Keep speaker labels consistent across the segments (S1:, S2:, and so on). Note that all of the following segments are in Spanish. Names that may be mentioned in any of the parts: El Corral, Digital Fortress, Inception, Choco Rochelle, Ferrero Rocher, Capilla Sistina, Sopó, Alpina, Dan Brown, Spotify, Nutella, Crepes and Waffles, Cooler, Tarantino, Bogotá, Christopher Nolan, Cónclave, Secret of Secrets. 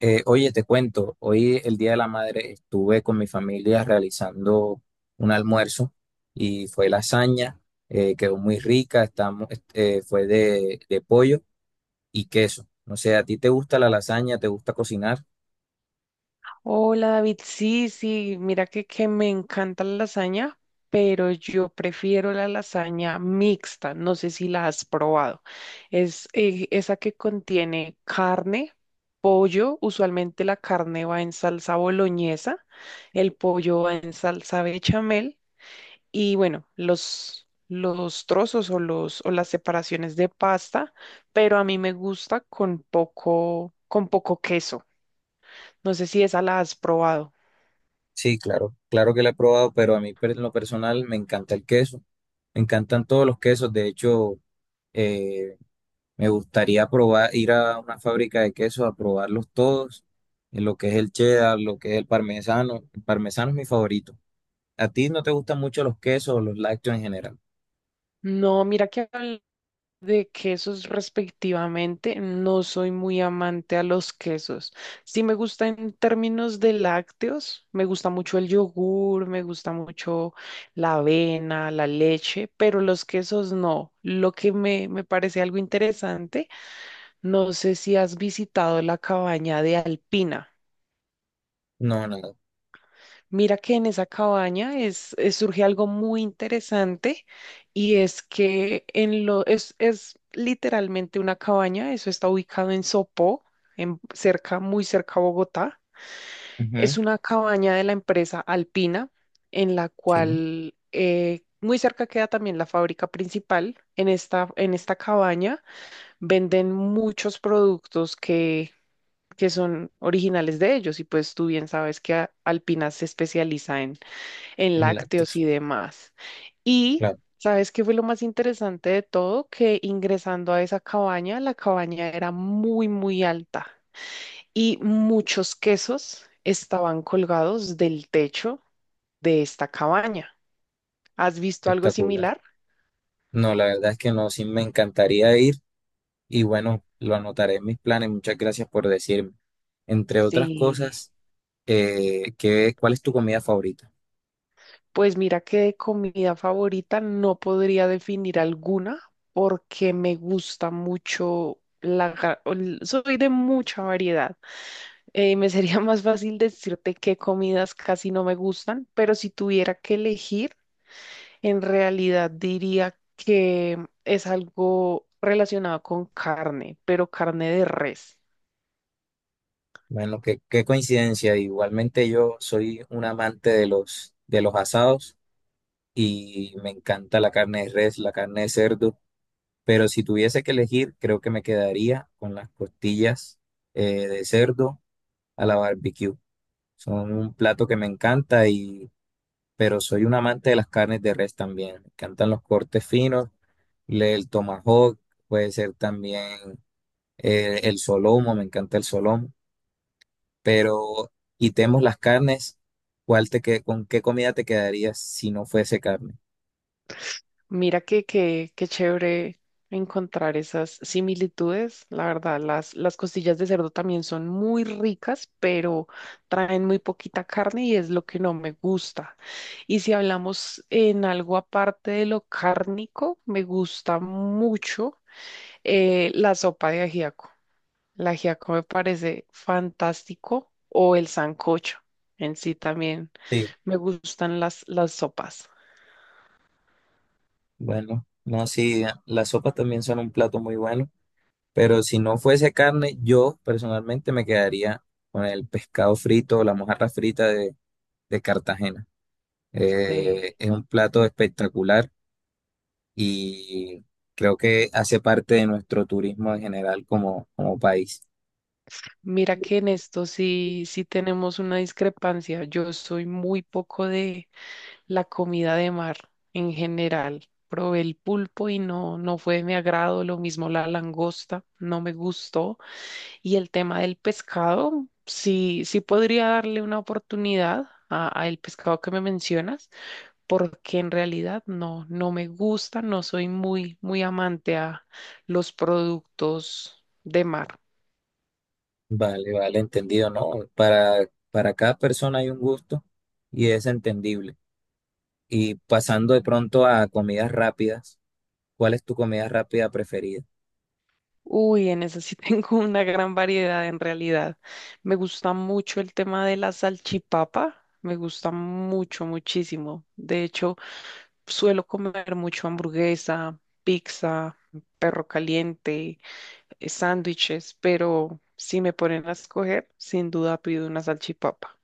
S1: Oye, te cuento, hoy el Día de la Madre estuve con mi familia realizando un almuerzo y fue lasaña. Quedó muy rica, estamos, fue de pollo y queso. No sé, ¿a ti te gusta la lasaña? ¿Te gusta cocinar?
S2: Hola David, sí, sí, mira que me encanta la lasaña, pero yo prefiero la lasaña mixta, no sé si la has probado. Es esa que contiene carne, pollo, usualmente la carne va en salsa boloñesa, el pollo va en salsa bechamel y bueno, los trozos o las separaciones de pasta, pero a mí me gusta con poco queso. No sé si esa la has probado.
S1: Sí, claro, claro que la he probado, pero a mí en lo personal me encanta el queso, me encantan todos los quesos, de hecho. Me gustaría probar, ir a una fábrica de queso a probarlos todos, en lo que es el cheddar, lo que es el parmesano. El parmesano es mi favorito. ¿A ti no te gustan mucho los quesos o los lácteos en general?
S2: No, mira que hablar de quesos respectivamente, no soy muy amante a los quesos. Sí me gusta en términos de lácteos, me gusta mucho el yogur, me gusta mucho la avena, la leche, pero los quesos no. Lo que me parece algo interesante, no sé si has visitado la cabaña de Alpina.
S1: No, nada.
S2: Mira que en esa cabaña surge algo muy interesante y es que es literalmente una cabaña, eso está ubicado en Sopó, cerca, muy cerca a Bogotá. Es
S1: Ujú,
S2: una cabaña de la empresa Alpina, en la
S1: sí,
S2: cual muy cerca queda también la fábrica principal. En esta cabaña venden muchos productos que son originales de ellos y pues tú bien sabes que Alpina se especializa en
S1: en
S2: lácteos
S1: lácteos.
S2: y demás. Y
S1: Claro,
S2: ¿sabes qué fue lo más interesante de todo? Que ingresando a esa cabaña, la cabaña era muy, muy alta y muchos quesos estaban colgados del techo de esta cabaña. ¿Has visto algo
S1: espectacular.
S2: similar?
S1: No, la verdad es que no, sí me encantaría ir y bueno, lo anotaré en mis planes. Muchas gracias por decirme. Entre otras
S2: Sí.
S1: cosas, ¿ cuál es tu comida favorita?
S2: Pues mira que de comida favorita no podría definir alguna porque me gusta mucho la... Soy de mucha variedad. Me sería más fácil decirte qué comidas casi no me gustan, pero si tuviera que elegir, en realidad diría que es algo relacionado con carne, pero carne de res.
S1: Bueno, qué coincidencia. Igualmente yo soy un amante de de los asados y me encanta la carne de res, la carne de cerdo, pero si tuviese que elegir, creo que me quedaría con las costillas de cerdo a la barbecue. Son un plato que me encanta. Pero soy un amante de las carnes de res también. Me encantan los cortes finos, el tomahawk, puede ser también el solomo, me encanta el solomo. Pero quitemos las carnes, ¿cuál con qué comida te quedarías si no fuese carne?
S2: Mira qué chévere encontrar esas similitudes. La verdad, las costillas de cerdo también son muy ricas, pero traen muy poquita carne y es lo que no me gusta. Y si hablamos en algo aparte de lo cárnico, me gusta mucho la sopa de ajiaco. El ajiaco me parece fantástico o el sancocho en sí también.
S1: Sí,
S2: Me gustan las sopas.
S1: bueno, no, sí, las sopas también son un plato muy bueno, pero si no fuese carne, yo personalmente me quedaría con el pescado frito o la mojarra frita de Cartagena.
S2: Sí.
S1: Es un plato espectacular y creo que hace parte de nuestro turismo en general como país.
S2: Mira que en esto sí, sí tenemos una discrepancia. Yo soy muy poco de la comida de mar en general. Probé el pulpo y no, no fue de mi agrado. Lo mismo la langosta, no me gustó. Y el tema del pescado, sí, sí podría darle una oportunidad a el pescado que me mencionas, porque en realidad no, no me gusta, no soy muy, muy amante a los productos de mar.
S1: Vale, vale, entendido, ¿no? Para cada persona hay un gusto y es entendible. Y pasando de pronto a comidas rápidas, ¿cuál es tu comida rápida preferida?
S2: Uy, en eso sí tengo una gran variedad en realidad. Me gusta mucho el tema de la salchipapa, me gusta mucho, muchísimo. De hecho, suelo comer mucho hamburguesa, pizza, perro caliente, sándwiches, pero si me ponen a escoger, sin duda pido una salchipapa.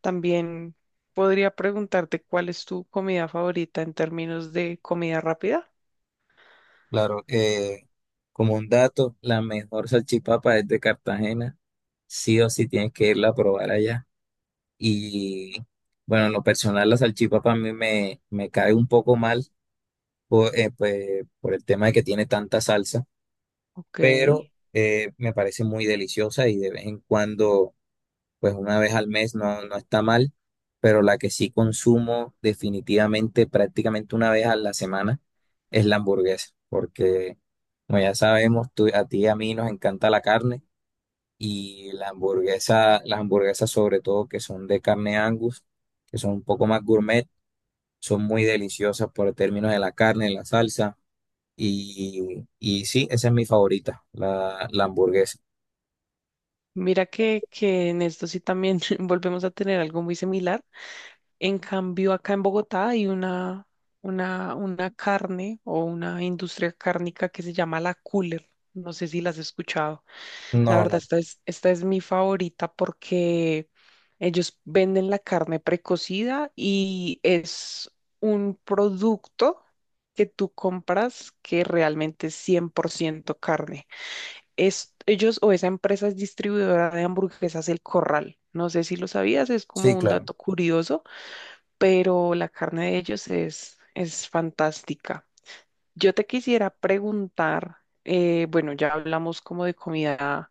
S2: También podría preguntarte cuál es tu comida favorita en términos de comida rápida.
S1: Claro, como un dato, la mejor salchipapa es de Cartagena. Sí o sí tienes que irla a probar allá. Y bueno, en lo personal, la salchipapa a mí me cae un poco mal por, pues, por el tema de que tiene tanta salsa,
S2: Ok.
S1: pero me parece muy deliciosa y de vez en cuando pues una vez al mes no, no está mal, pero la que sí consumo definitivamente prácticamente una vez a la semana es la hamburguesa, porque como ya sabemos, a ti y a mí nos encanta la carne y la hamburguesa, las hamburguesas sobre todo que son de carne Angus, que son un poco más gourmet, son muy deliciosas por términos de la carne, la salsa y sí, esa es mi favorita, la hamburguesa.
S2: Mira que en esto sí también volvemos a tener algo muy similar. En cambio, acá en Bogotá hay una carne o una industria cárnica que se llama la Cooler. No sé si las has escuchado. La
S1: No,
S2: verdad,
S1: no,
S2: esta es mi favorita porque ellos venden la carne precocida y es un producto que tú compras que realmente es 100% carne. Es, ellos o esa empresa es distribuidora de hamburguesas El Corral. No sé si lo sabías, es
S1: sí,
S2: como un
S1: claro.
S2: dato curioso, pero la carne de ellos es fantástica. Yo te quisiera preguntar, bueno, ya hablamos como de comida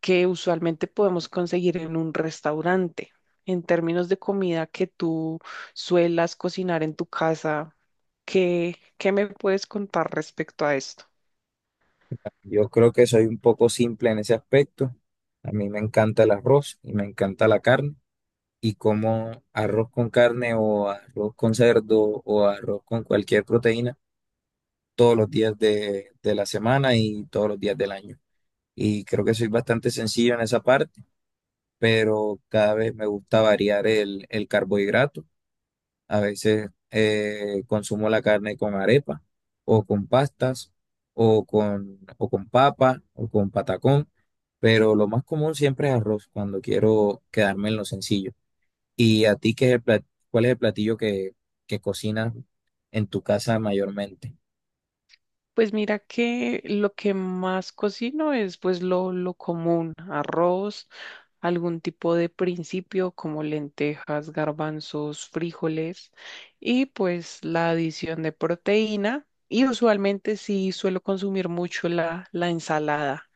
S2: que usualmente podemos conseguir en un restaurante. En términos de comida que tú suelas cocinar en tu casa, ¿qué me puedes contar respecto a esto?
S1: Yo creo que soy un poco simple en ese aspecto. A mí me encanta el arroz y me encanta la carne. Y como arroz con carne o arroz con cerdo o arroz con cualquier proteína todos los días de la semana y todos los días del año. Y creo que soy bastante sencillo en esa parte, pero cada vez me gusta variar el carbohidrato a veces consumo la carne con arepa o con pastas o con papa o con patacón, pero lo más común siempre es arroz cuando quiero quedarme en lo sencillo. ¿Y a ti qué es cuál es el platillo que cocinas en tu casa mayormente?
S2: Pues mira que lo que más cocino es pues lo común, arroz, algún tipo de principio como lentejas, garbanzos, frijoles y pues la adición de proteína y usualmente sí suelo consumir mucho la ensalada,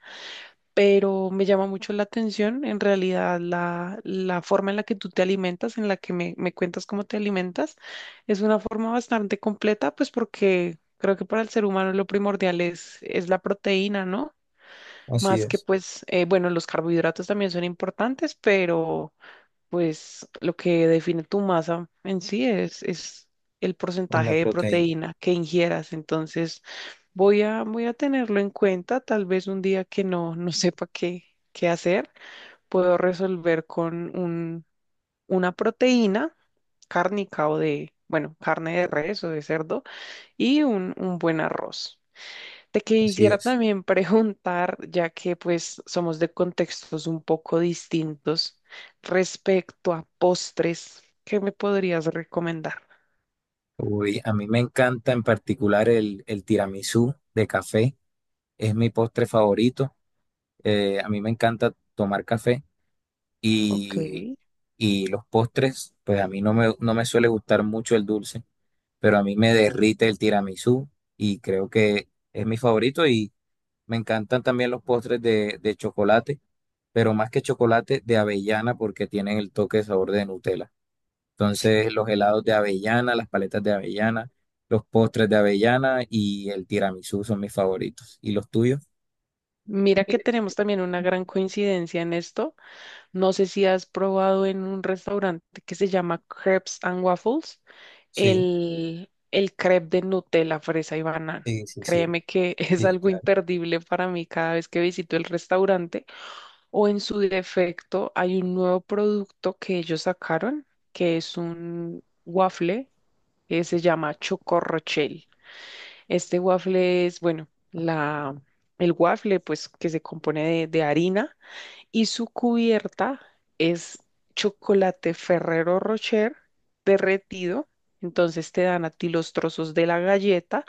S2: pero me llama mucho la atención en realidad la forma en la que tú te alimentas, en la que me cuentas cómo te alimentas, es una forma bastante completa, pues porque creo que para el ser humano lo primordial es la proteína, ¿no?
S1: Así
S2: Más que
S1: es,
S2: pues, bueno, los carbohidratos también son importantes, pero pues lo que define tu masa en sí es el
S1: en la
S2: porcentaje de
S1: proteína,
S2: proteína que ingieras. Entonces, voy a tenerlo en cuenta. Tal vez un día que no, no sepa qué, qué hacer, puedo resolver con una proteína cárnica o de, bueno, carne de res o de cerdo y un buen arroz. Te
S1: así
S2: quisiera
S1: es.
S2: también preguntar, ya que pues somos de contextos un poco distintos, respecto a postres, ¿qué me podrías recomendar?
S1: Uy, a mí me encanta en particular el tiramisú de café, es mi postre favorito. A mí me encanta tomar café
S2: Ok.
S1: y, y los postres, pues a mí no me suele gustar mucho el dulce, pero a mí me derrite el tiramisú y creo que es mi favorito y me encantan también los postres de chocolate, pero más que chocolate de avellana porque tienen el toque de sabor de Nutella. Entonces los helados de avellana, las paletas de avellana, los postres de avellana y el tiramisú son mis favoritos. ¿Y los tuyos?
S2: Mira que tenemos también una gran coincidencia en esto. No sé si has probado en un restaurante que se llama Crepes and Waffles
S1: Sí,
S2: el crepe de Nutella, fresa y banano.
S1: sí, sí, sí,
S2: Créeme que es
S1: sí,
S2: algo
S1: claro,
S2: imperdible para mí cada vez que visito el restaurante. O en su defecto, hay un nuevo producto que ellos sacaron, que es un waffle que se llama Choco Rochelle. Este waffle es, bueno, el waffle pues que se compone de harina y su cubierta es chocolate Ferrero Rocher derretido. Entonces te dan a ti los trozos de la galleta,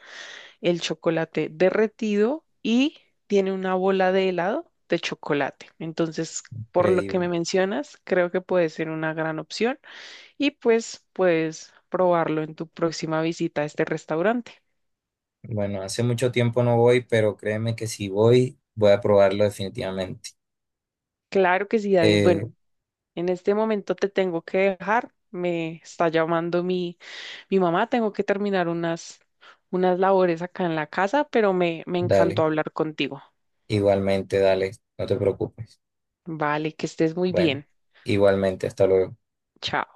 S2: el chocolate derretido y tiene una bola de helado de chocolate. Entonces, por lo que me
S1: increíble.
S2: mencionas, creo que puede ser una gran opción y pues puedes probarlo en tu próxima visita a este restaurante.
S1: Bueno, hace mucho tiempo no voy, pero créeme que si voy, voy a probarlo definitivamente.
S2: Claro que sí, David.
S1: Eh,
S2: Bueno, en este momento te tengo que dejar. Me está llamando mi mamá. Tengo que terminar unas labores acá en la casa, pero me
S1: Dale,
S2: encantó hablar contigo.
S1: igualmente, dale, no te preocupes.
S2: Vale, que estés muy
S1: Bueno,
S2: bien.
S1: igualmente, hasta luego.
S2: Chao.